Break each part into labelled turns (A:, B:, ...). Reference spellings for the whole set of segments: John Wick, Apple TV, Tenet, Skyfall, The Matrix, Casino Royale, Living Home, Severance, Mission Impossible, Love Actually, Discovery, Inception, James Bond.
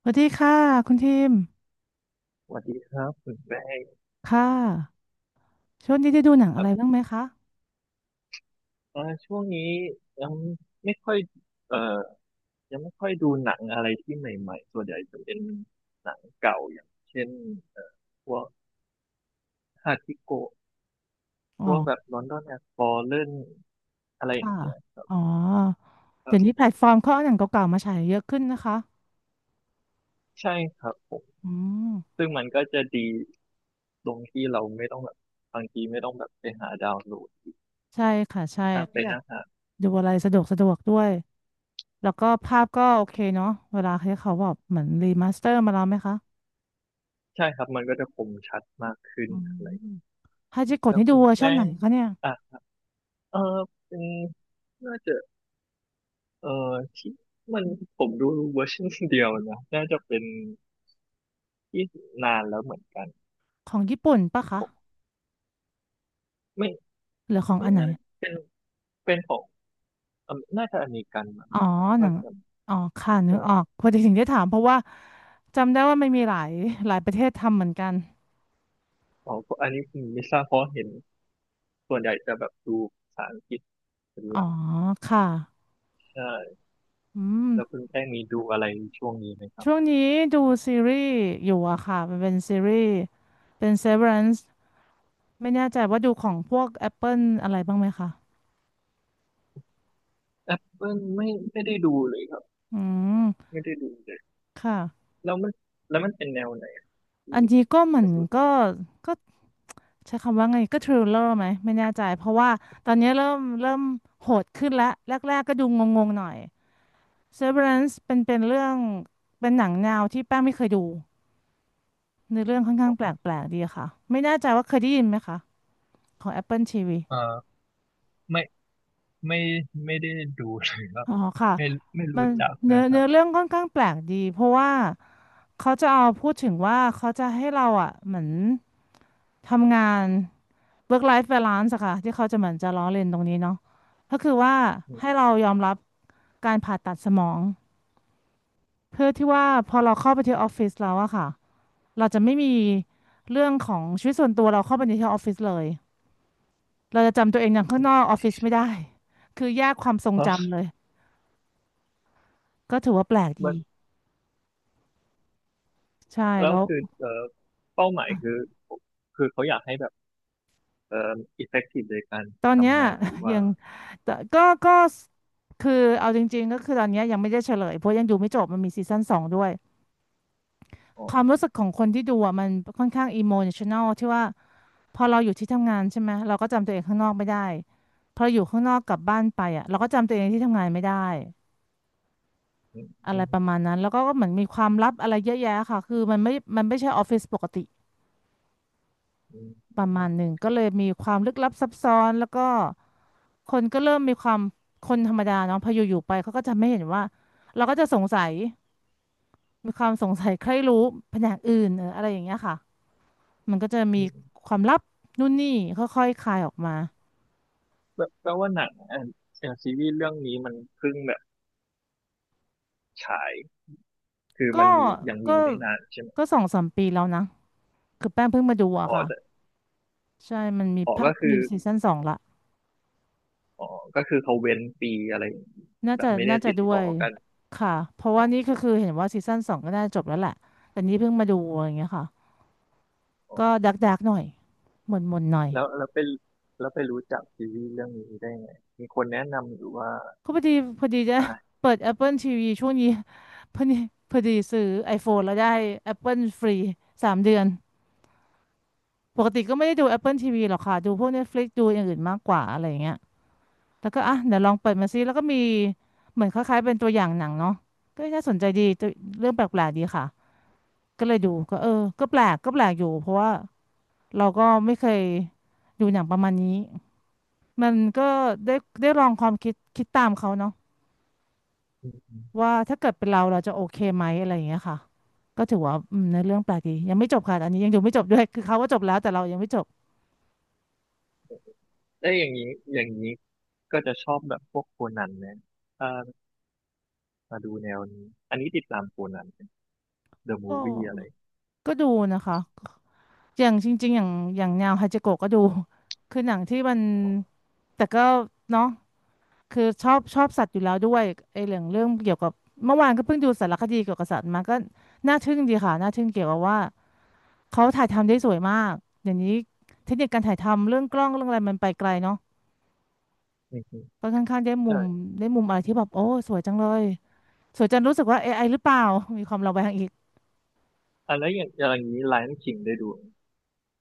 A: สวัสดีค่ะคุณทีม
B: สวัสดีครับคุณแป้ง
A: ค่ะช่วงนี้ได้ดูหนัง
B: ค
A: อะ
B: รั
A: ไร
B: บ
A: บ้างไหมคะ
B: ช่วงนี้ยังไม่ค่อยเอ่อยังไม่ค่อยดูหนังอะไรที่ใหม่ๆส่วนใหญ่จะเป็นหนังเก่าอย่างเช่นเอ่อพวกฮาทิโกะ
A: อ๋
B: พ
A: อ
B: วกแบบลอนดอนแอ f ฟอลเล่นอะไรอย่า
A: ค่ะ
B: งเงี้ยครับ
A: อ๋อ
B: ครั
A: เดี๋ยวนี้
B: บ
A: แพลตฟอร์มเขาเอาหนังเก่าๆมาฉายเยอะขึ้นนะคะ
B: ใช่ครับผม
A: อืม
B: ซึ่งมันก็จะดีตรงที่เราไม่ต้องแบบบางทีไม่ต้องแบบไปหาดาวน์โหลด
A: ใช่ค่ะใช่
B: นั่งไป
A: ก็อยาก
B: นั่งหา
A: ดูอะไรสะดวกสะดวกด้วยแล้วก็ภาพก็โอเคเนาะเวลาที่เขาแบบเหมือนรีมาสเตอร์มาแล้วไหมคะ
B: ใช่ครับมันก็จะคมชัดมากขึ้น
A: อื
B: อะไร
A: มฮาจิโกะ
B: แล้ว
A: นี่ดู
B: คุณ
A: เวอร์ชั
B: แป้
A: นไหน
B: ง
A: คะเนี่ย
B: อ่ะเออเป็นน่าจะ เออที่มันผมดูเวอร์ชันเดียวนะ น่าจะเป็นที่นานแล้วเหมือนกัน
A: ของญี่ปุ่นปะ
B: ผ
A: คะ
B: มไม่
A: หรือของ
B: ไม่
A: อันไหน
B: น่าเป็นเป็นของอเมน่าจะอเมริกันนะ
A: อ๋
B: ค
A: อ
B: รับ
A: หนั
B: ว่า
A: ง
B: จะ
A: อ๋อ ค่ะ นึก
B: จะ
A: ออกพอดีถึงได้ถามเพราะว่าจำได้ว่ามันมีหลายหลายประเทศทำเหมือนกัน
B: อ๋อเพราะอันนี้ผมไม่ทราบเพราะเห็นส่วนใหญ่จะแบบดูภาษาอังกฤษเป็น
A: อ๋
B: ห
A: อ
B: ลัก
A: ค่ะ
B: ใช่
A: อืม
B: แล้วคุณแป้งมีดูอะไรช่วงนี้ไหมครับ
A: ช่วงนี้ดูซีรีส์อยู่ค่ะมันเป็นซีรีส์เป็น Severance ไม่แน่ใจว่าดูของพวก Apple อะไรบ้างไหมคะ
B: แอปเปิลไม่ได้ดูเลยครับ
A: อืม
B: ไม่ได้ดูเลย
A: ค่ะ
B: แล้วมันแล้วมันเป็นแนวไหนที่
A: อันนี้ก็เห
B: คุ
A: มื
B: ณ
A: อน
B: รู้สึก
A: ก็ก็ใช้คำว่าไงก็ทริลเลอร์ไหมไม่แน่ใจเพราะว่าตอนนี้เริ่มโหดขึ้นแล้วแรกๆก็ดูงงๆหน่อย Severance เป็นเรื่องเป็นหนังแนวที่แป้งไม่เคยดูในอเรื่องค่อนข้างแป
B: ว่า
A: ลกๆดีค่ะไม่แน่ใจว่าเคยได้ยินไหมคะของ Apple TV
B: เออไม่ไม่ไม่ได้ดูเลยครับ
A: อ๋อค่ะ
B: ไม่ไม่
A: มั
B: รู้
A: น
B: จักเล
A: เนื้
B: ย
A: อ
B: ครั
A: เนื้อ
B: บ
A: เรื่องค่อนข้างแปลกดีเพราะว่าเขาจะเอาพูดถึงว่าเขาจะให้เราเหมือนทำงาน work life balance ค่ะที่เขาจะเหมือนจะล้อเลียนตรงนี้เนาะก็คือว่าให้เรายอมรับการผ่าตัดสมองเพื่อที่ว่าพอเราเข้าไปที่ออฟฟิศแล้วค่ะ เราจะไม่มีเรื่องของชีวิตส่วนตัวเราเข้าไปในที่ออฟฟิศเลยเราจะจำตัวเองอย่างข้างนอกออฟฟิศไม่ได้คือแยกความทร
B: เพ
A: ง
B: ราะ
A: จำเลยก็ถือว่าแปลก
B: มั
A: ดี
B: น
A: ใช่
B: แล้ว
A: แล้ว
B: คือเป้าหมาย
A: อ่ะ
B: คือคือเขาอยากให้แบบเอ่อ effective ในการ
A: ตอนเนี้ย
B: ทำงานหรือ ว่า
A: ยังแต่ก็ก็คือเอาจริงๆก็คือตอนเนี้ยยังไม่ได้เฉลยเพราะยังดูไม่จบมันมีซีซั่นสองด้วย
B: อ๋อ
A: ความรู้สึกของคนที่ดูมันค่อนข้างอิโมชัน a ลที่ว่าพอเราอยู่ที่ทำงานใช่ไหมเราก็จำตัวเองข้างนอกไม่ได้พออยู่ข้างนอกกลับบ้านไปเราก็จำตัวเองที่ทำงานไม่ได้
B: อืม
A: อะ
B: อื
A: ไร
B: ม
A: ประมาณนั้นแล้วก็ก็เหมือนมีความลับอะไรเยอะแยะค่ะคือมันไม่ใช่ออฟฟิศปกติ
B: อืม
A: ป
B: อื
A: ระมา
B: ม
A: ณหนึ่งก็เลยมีความลึกลับซับซ้อนแล้วก็คนก็เริ่มมีความคนธรรมดาเนาะพออยู่ๆไปเขาก็จะไม่เห็นว่าเราก็จะสงสัยมีความสงสัยใครรู้แผนกอื่นเอออะไรอย่างเงี้ยค่ะมันก็จะมี
B: อืม
A: ความลับนู่นนี่ค่อยๆคลายออกมา
B: แปลว่าหนังอ่ะเอย่างซีรีส์เรื่องนี้มันเพิ่งแบบฉายคือ
A: ก็
B: มันมียัง
A: ก็
B: มีไม่นานใช่ไหม
A: ก็สองสามปีแล้วนะคือแป้งเพิ่งมาดู
B: อ๋อ
A: ค่ะ
B: แต่
A: ใช่มันมี
B: อ๋อ
A: ภา
B: ก็
A: ค
B: คือ
A: มีซีซั่นสองละ
B: อ๋อก็คือเขาเว้นปีอะไรอย่างงี้แบบไม่ได้
A: น่าจะ
B: ติด
A: ด้ว
B: ต่อ
A: ย
B: กัน
A: ค่ะเพราะ
B: อ๋อ
A: ว่านี่ก็คือเห็นว่าซีซั่นสองก็น่าจะจบแล้วแหละแต่นี่เพิ่งมาดูอย่างเงี้ยค่ะ
B: อ๋อ
A: ก็ดักดักหน่อยหม่นหม่นหน่อย
B: แล้วแล้วไปแล้วไปรู้จักซีรีส์เรื่องนี้ได้ไงมีคนแนะนำหรือว่า
A: ก็พอดีจะ
B: อ่า
A: เปิด Apple TV ช่วงนี้ พอดีพอดีซื้อ iPhone แล้วได้ Apple ฟรี3 เดือนปกติก็ไม่ได้ดู Apple TV หรอกค่ะดูพวก Netflix ดูอย่างอื่นมากกว่าอะไรอย่างเงี้ยแล้วก็เดี๋ยวลองเปิดมาซิแล้วก็มีเหมือนคล้ายๆเป็นตัวอย่างหนังเนาะก็น่าสนใจดีตัวเรื่องแปลกๆดีค่ะ ก็เลยดูก็เออก็แปลกอยู่เพราะว่าเราก็ไม่เคยดูหนังประมาณนี้มันก็ได้ได้ลองความคิดตามเขาเนาะว่าถ้าเกิดเป็นเราเราจะโอเคไหมอะไรอย่างเงี้ยค่ะก็ถือว่าอืมในอเรื่องแปลกดียังไม่จบค่ะอันนี้ยังดูไม่จบด้วยคือเขาว่าจบแล้วแต่เรายังไม่จบ
B: เอ้ยอย่างนี้ ก็จะชอบแบบพวกโคนันนะถ้ามาดูแนวนี้ อันนี้ติดตามโคนันเดอะมู
A: ก็
B: ฟวี่อะไร
A: ก็ดูนะคะอย่างจริงๆอย่างแนวฮาจิโกะก็ดู คือหนังที่มัน
B: อ๋อ
A: แต่ก็เนาะ คือชอบสัตว์อยู่แล้วด้วยไอ้เรื่องเกี่ยวกับเมื่อวานก็เพิ่งดูสารคดีเกี่ยวกับสัตว์มาก็น่าทึ่งดีค่ะน่าทึ่งเกี่ยวกับว่าเขาถ่ายทำได้สวยมากอย่างนี้เทคนิคการถ่ายทำเรื่องกล้องเรื่องอะไรมันไปไกลเนาะ
B: อืม
A: ก็ค่อนข้างได้
B: ๆ
A: มุ
B: ใช่
A: มได้มุมอะไรที่แบบโอ้สวยจังเลยสวยจนรู้สึกว่า AI หรือเปล่า มีความระแวงอีก
B: อันแล้วอย่างนี้ไล o n i ิงได้ดูไหม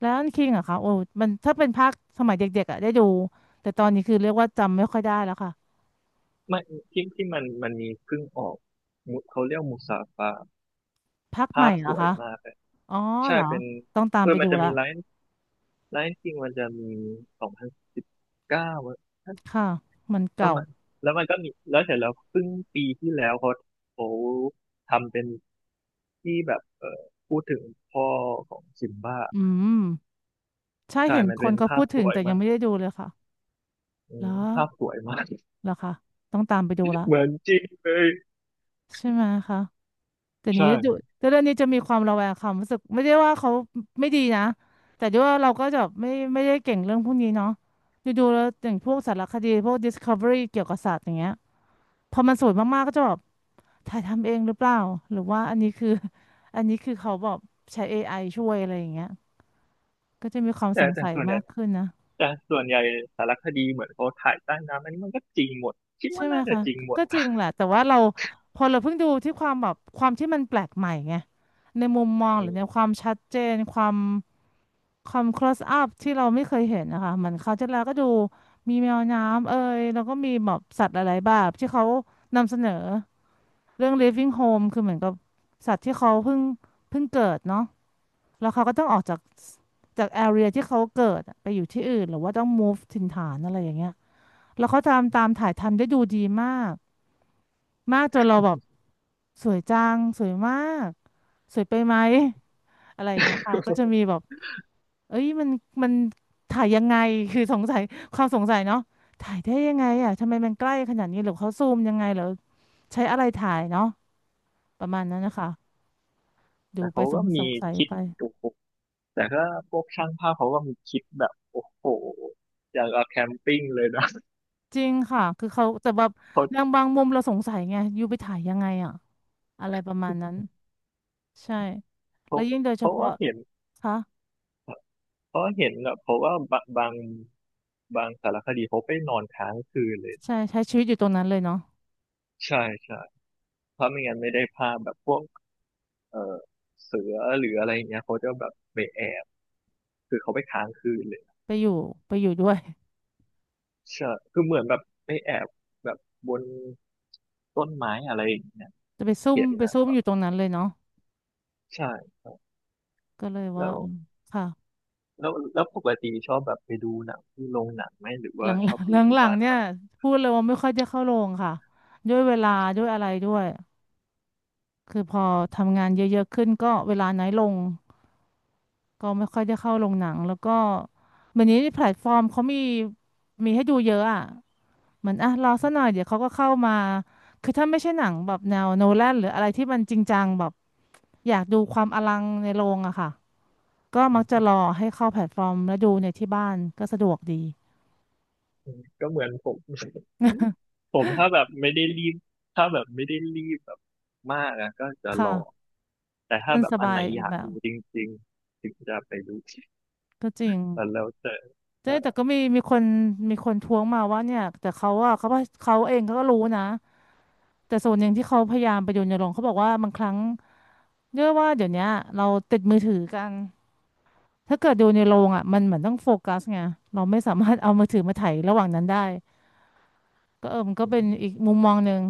A: แล้วคิงค่ะโอ้มันถ้าเป็นภาคสมัยเด็กๆได้ดูแต่ตอนนี้คือเรียกว่าจำไม่ค่อยได้แล้วค่ะ
B: ไม่ที่มันมีเพิ่งออกมุเขาเรียกมูซาฟา
A: ภาคให
B: ภา
A: ม่
B: พ
A: เหร
B: ส
A: อ
B: วย
A: คะ
B: มากเลย
A: อ๋อ
B: ใช่
A: เหรอ
B: เป็น
A: ต้องตามไป
B: มั
A: ดู
B: นจะ
A: ละ
B: มีไล o n คิงมันจะมี2019
A: ค่ะมัน
B: ประ
A: เก่า
B: มาณแล้วมันก็มีแล้วเสร็จแล้วเพิ่งปีที่แล้วเขาทำเป็นที่แบบพูดถึงพ่อของซิมบ้า
A: อืม ใช่
B: ใช่
A: เห็น
B: มัน
A: ค
B: เป็
A: น
B: น
A: เขา
B: ภา
A: พู
B: พ
A: ด
B: ส
A: ถึง
B: วย
A: แต่ยั
B: มา
A: ง
B: ก
A: ไม่ได้ดูเลยค่ะ
B: อื
A: เหร
B: ม
A: อ
B: ภาพสวยมาก
A: เหรอคะต้องตามไปดู ละ
B: เหมือนจริงเลย
A: ใช่ไหมคะแต่นี้ดู
B: ใช่
A: แต่เรื่องนี้จะมีความระแวงความรู้สึกไม่ได้ว่าเขาไม่ดีนะแต่ด้วยว่าเราก็จะไม่ไม่ได้เก่งเรื่องพวกนี้เนาะดูแล้วอย่างพวกสารคดีพวก Discovery เกี่ยวกับสัตว์อย่างเงี้ยพอมันสวยมากๆก็จะแบบถ่ายทำเองหรือเปล่าหรือว่าอันนี้คือ อันนี้คือเขาแบบใช้ AI ช่วยอะไรอย่างเงี้ยก็จะมีความสง
B: แต่
A: สัย
B: ส่วนใหญ่
A: มากขึ้นนะ
B: แต่ส่วนใหญ่สารคดีเหมือนเขาถ่ายใต้น้ำอันนี้มันก็จริงหมด คิด
A: ใช่
B: ว่า
A: ไหม
B: น่าจะ
A: คะ
B: จริงหมด
A: ก็จริงแหละ แต่ว่าเราพอเราเพิ่งดูที่ความแบบความที่มันแปลกใหม่ไง ในมุมมอง
B: อื
A: หรือ
B: ม
A: ในความชัดเจนความ close up ที่เราไม่เคยเห็นนะคะเหมือนเขาวที่แล้วก็ดูมีแมวน้ำเอ่ยแล้วก็มีแบบสัตว์หลายๆแบบที่เขานำเสนอเรื่อง Living Home คือเหมือนกับสัตว์ที่เขาเพิ่งเกิดเนาะแล้วเขาก็ต้องออกจาก area ที่เขาเกิดอะไปอยู่ที่อื่นหรือว่าต้อง move ถิ่นฐานอะไรอย่างเงี้ยแล้วเขาทำตามถ่ายทำได้ดูดีมากมากจนเราแบบ สวยจังสวยมากสวยไปไหมอะไรอย่างเงี้ย ค่ะก็จะมีแบบเอ้ยมันถ่ายยังไงคือสงสัยความสงสัยเนาะถ่ายได้ยังไงอ่ะทำไมมันใกล้ขนาดนี้หรือเขาซูมยังไงหรือใช้อะไรถ่ายเนาะประมาณนั้นนะคะดู
B: แต่
A: ไป
B: เขา
A: ส
B: ก็
A: งส
B: มี
A: งสัย
B: คิด
A: ไป
B: โอ้โหแต่ก็พวกช่างภาพเขาก็มีคิดแบบโอ้โหอย่างกับแคมปิ้งเลยนะ
A: จริงค่ะคือเขาแต่แบบ
B: เขา
A: อย่างบางมุมเราสงสัยไงอยู่ไปถ่ายยังไงอ่ะอะไรประมาณนั้นใช่
B: เขา
A: แล้วยิ่งโดยเฉ
B: เขาก็
A: พาะ
B: เห็น
A: คะ
B: แบบเขาก็บางสารคดีเขาไปนอนค้างคืนเลย
A: ใช่ใช้ชีวิตอยู่ตรงนั้นเลยเนาะ
B: ใช่ใช่เพราะไม่งั้นไม่ได้ภาพแบบพวก เออเสือหรืออะไรอย่างเงี้ยเขาจะแบบไปแอบคือเขาไปค้างคืนเลย
A: ไปอยู่ไปอยู่ด้วย
B: ใช่คือเหมือนแบบไปแอบแบบบนต้นไม้อะไรอย่างเงี้ย
A: จะไปซุ่ม
B: เห็น
A: ไป
B: นะ
A: ซุ่มอยู่ตรงนั้นเลยเนาะ
B: ใช่ครับ
A: ก็เลยว่า
B: แล้ว
A: อืมค่ะ
B: แล้วปกติชอบแบบไปดูหนังที่โรงหนังไหมหรือ
A: ห
B: ว่า
A: ลังห
B: ชอบดู
A: ลัง
B: ที่
A: หลัง
B: บ้าน
A: ๆเนี่ย
B: มาก
A: พูดเลยว่าไม่ค่อยจะเข้าโรงค่ะด้วยเวลาด้วยอะไรด้วยคือพอทำงานเยอะๆขึ้นก็เวลาน้อยลงก็ไม่ค่อยได้เข้าโรงหนังแล้วก็วันนี้แพลตฟอร์มเขามีมีให้ดูเยอะอ่ะเหมือนอ่ะรอสักหน่อยเดี๋ยวเขาก็เข้ามาคือถ้าไม่ใช่หนังแบบแนวโนแลนหรืออะไรที่มันจริงจังแบบอยากดูความอลังในโรงอะค่ะ ก็
B: อื
A: มักจะ
B: ม
A: รอให้เข้าแพลตฟอร์มแล้วดูในที่บ้านก็สะดวกดี
B: อืมก็เหมือนผม ผมถ้าแบบไม่ได้รีบถ้าแบบไม่ได้รีบแบบมากอะก็จะรอ
A: ค่ะ
B: แต่ถ้า
A: มัน
B: แบบ
A: ส
B: อัน
A: บา
B: ไหน
A: ยอี
B: อ
A: ก
B: ยาก
A: แบ
B: ดู
A: บ
B: จริงๆถึงจะไปดู
A: ก็จริง
B: แล้วแล้วแต่
A: แต่
B: ใช่
A: แต่ก็มีคนมีคนท้วงมาว่าเนี่ยแต่เขาอะเขาว่าเขาเองเขาก็รู้นะแต่ส่วนหนึ่งที่เขาพยายามไปดูในโรงเขาบอกว่าบางครั้งเนื่องว่าเดี๋ยวเนี้ยเราติดมือถือกันถ้าเกิดดูในโรงอะมันเหมือนต้องโฟกัสไงเราไม่สามารถเอามือถือมาถ่ายระหว่างนั้นได้ก็เออมันก็เป็นอีกมุมมองหนึ่ง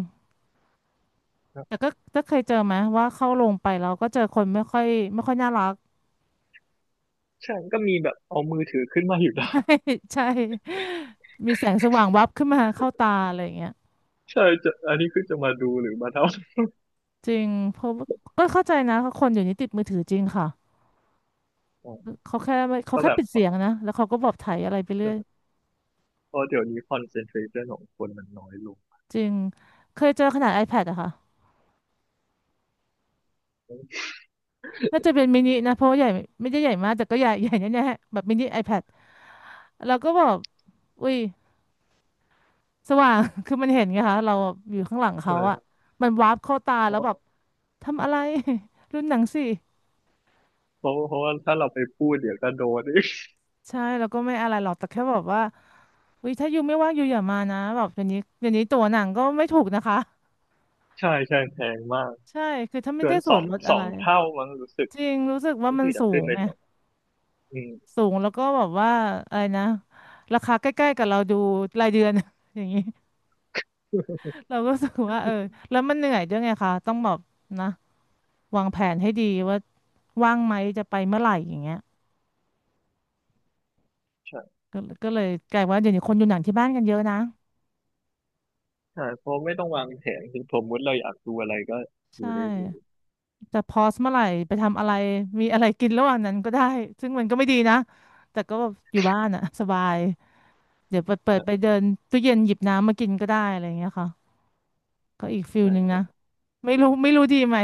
A: แต่ก็ถ้าเคยเจอไหมว่าเข้าโรงไปเราก็เจอคนไม่ค่อยน่ารัก
B: ใช่ก็มีแบบเอามือถือขึ้นมาอยู่ได้
A: ใช่ มีแสงสว่างวับขึ้นมาเข้าตาอะไรอย่างเงี้ย
B: ใช่จะอันนี้คือจะมาดูหรือมาเท่า
A: จริงเพราะว่าก็เข้าใจนะคนอยู่นี้ติดมือถือจริงค่ะ
B: อ๋อ
A: เขาแค่ไม่เขา
B: ก็
A: แค่
B: แบบ
A: ปิดเสียงนะแล้วเขาก็บอกถ่ายอะไรไปเรื่อย
B: เพราะเดี๋ยวนี้คอนเซนเทรชันของคนมันน้อยลง
A: จริงเคยเจอขนาด iPad อะค่ะน่าจะเป็นมินินะเพราะว่าใหญ่ไม่ได้ใหญ่มากแต่ก็ใหญ่ใหญ่แน่ๆแบบมินิ iPad แล้วก็แบอกอุ้ยสว่าง คือมันเห็นไงคะเราอยู่ข้างหลัง
B: ใช่
A: เขา
B: ไหม
A: อะมันวาร์ปเข้าตา
B: เพ
A: แล้ว
B: ราะ
A: แบบทำอะไร รุ่นหนังสิ
B: เพราะว่าถ้าเราไปพูดเดี๋ยวก็โดนอีก
A: ใช่แล้วก็ไม่อะไรหรอกแต่แค่แบบว่า อุ้ยถ้ายูไม่ว่างยูอย่ามานะแบบเดี๋ยวนี้ตั๋วหนังก็ไม่ถูกนะคะ
B: ใช่ใช่แพงมาก
A: ใช่คือถ้าไม่
B: เกิ
A: ได้
B: น
A: ส่วนลด
B: ส
A: อะ
B: อ
A: ไร
B: งเท่ามั้งรู้สึก
A: จริงรู้สึกว่า
B: รู้
A: มัน
B: สึกจะ
A: สู
B: ขึ้น
A: ง
B: ไป
A: ไง
B: สองอืม
A: สูงแล้วก็แบบว่าอะไรนะราคาใกล้ๆกับเราดูรายเดือน อย่างนี้เราก็รู้สึกว่าเออแล้วมันเหนื่อยด้วยไงคะต้องแบบนะวางแผนให้ดีว่าว่างไหมจะไปเมื่อไหร่อย่างเงี้ย
B: ใช่
A: ก็เลยกลายว่าเดี๋ยวนี้คนดูหนังที่บ้านกันเยอะนะ
B: ใช่เพราะไม่ต้องวางแผนถึงสมมติเราอยากดูอะไรก็ดู
A: ใช่
B: ได้เลย
A: จะพอสเมื่อไหร่ไปทำอะไรมีอะไรกินระหว่างนั้นก็ได้ซึ่งมันก็ไม่ดีนะแต่ก็แบบอยู่บ้านอะสบายเดี๋ยวเปิดไป
B: ใช่
A: เดินตู้เย็นหยิบน้ำมากินก็ได้อะไรอย่างเงี้ยค่ะก็อีกฟิลหนึ่ง
B: ใช่
A: นะไม่รู้ดีไหม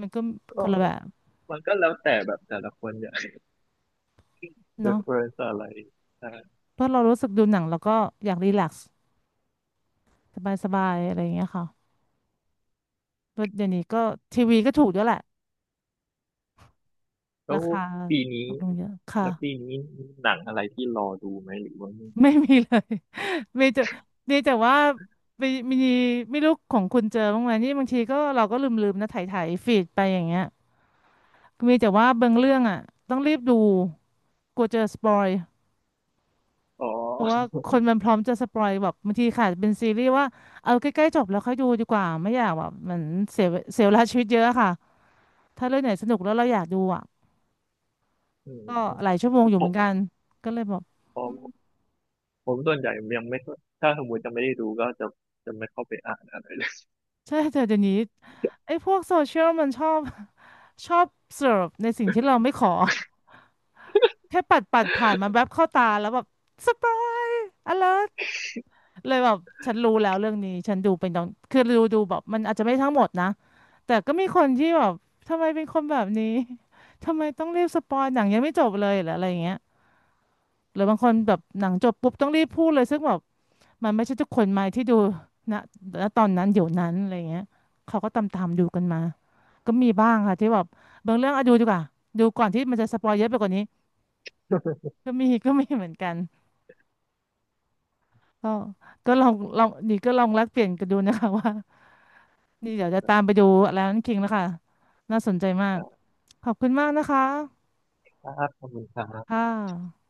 A: มันก็ค
B: ก็
A: นละแบบ
B: มันก็แล้วแต่แบบแต่ละคนอยาก
A: เนาะ
B: reference อะไรใช่
A: เพราะเรารู้สึกดูหนังแล้วก็อยากรีแลกซ์สบายสบายอะไรอย่างเงี้ยค่ะเพราะเดี๋ยวนี้ก็ทีวีก็ถูกด้วยแหละ
B: แล้
A: รา
B: ว
A: คา
B: ปีนี้
A: ถูกลงเยอะค่ะ
B: แล้วปีนี้มีหนังอะไรที่รอดูไหมหรือว่าไม่
A: ไม่มีเลย มีแต่ดีแต่ว่ามีมีไม่รู้ของคุณเจอบ้างไหมนี่บางทีก็เราก็ลืมๆนะถ่ายฟีดไปอย่างเงี้ยมีแต่ว่าบางเรื่องอ่ะต้องรีบดูกลัวเจอสปอย
B: อ๋อ
A: เพราะว่าคนมันพร้อมจะสปอยแบบบางทีค่ะเป็นซีรีส์ว่าเอาใกล้ๆจบแล้วค่อยดูดีกว่าไม่อยากแบบเหมันเสียเสียเวลาชีวิตเยอะอะค่ะถ้าเรื่องไหนสนุกแล้วเราอยากดูอ่ะ
B: อื
A: ก็
B: ม
A: หลายชั่วโมงอยู่
B: ผ
A: เหมือ
B: ม
A: นกันก็เลยบอก
B: ผมผมส่วนใหญ่ยังไม่ค่อยถ้าสมมติจะไม่ได้ดูก็จะไม่เข้าไปอ่านอะไรเลย
A: ใช่แต่เดี๋ยวนี้ไอ้พวกโซเชียลมันชอบเสิร์ฟในสิ่งที่เราไม่ขอ แค่ปัดผ่านมันแวบเข้าตาแล้วแบบสปาร์อเลิร์เลยแบบฉันรู้แล้วเรื่องนี้ฉันดูเป็นตอนคือดูแบบมันอาจจะไม่ทั้งหมดนะแต่ก็มีคนที่แบบทำไมเป็นคนแบบนี้ ทำไมต้องรีบสปอยหนังยังไม่จบเลยหรืออะไรอย่างเงี้ยหรือบางคนแบบหนังจบปุ๊บต้องรีบพูดเลยซึ่งแบบมันไม่ใช่ทุกคนไหมที่ดูณตอนนั้นเดี๋ยวนั้นอะไรอย่างเงี้ยเขาก็ตามดูกันมาก็มีบ้างค่ะที่แบบบางเรื่องอะดูดีกว่าดูก่อนที่มันจะสปอยเยอะไปกว่านี้ก็มี ก็มีเหมือนกัน ก็ก็ลองลองดีก็ลองแลกเปลี่ยนกันดูนะคะ ว่านี่เดี๋ยวจะตามไปดูแล้วนั่นคิงแล้วค่ะน่าสนใจมา
B: ค
A: ก
B: รับ
A: ขอบคุณมากนะคะ
B: ขอบคุณครั
A: ค่
B: บ
A: ะ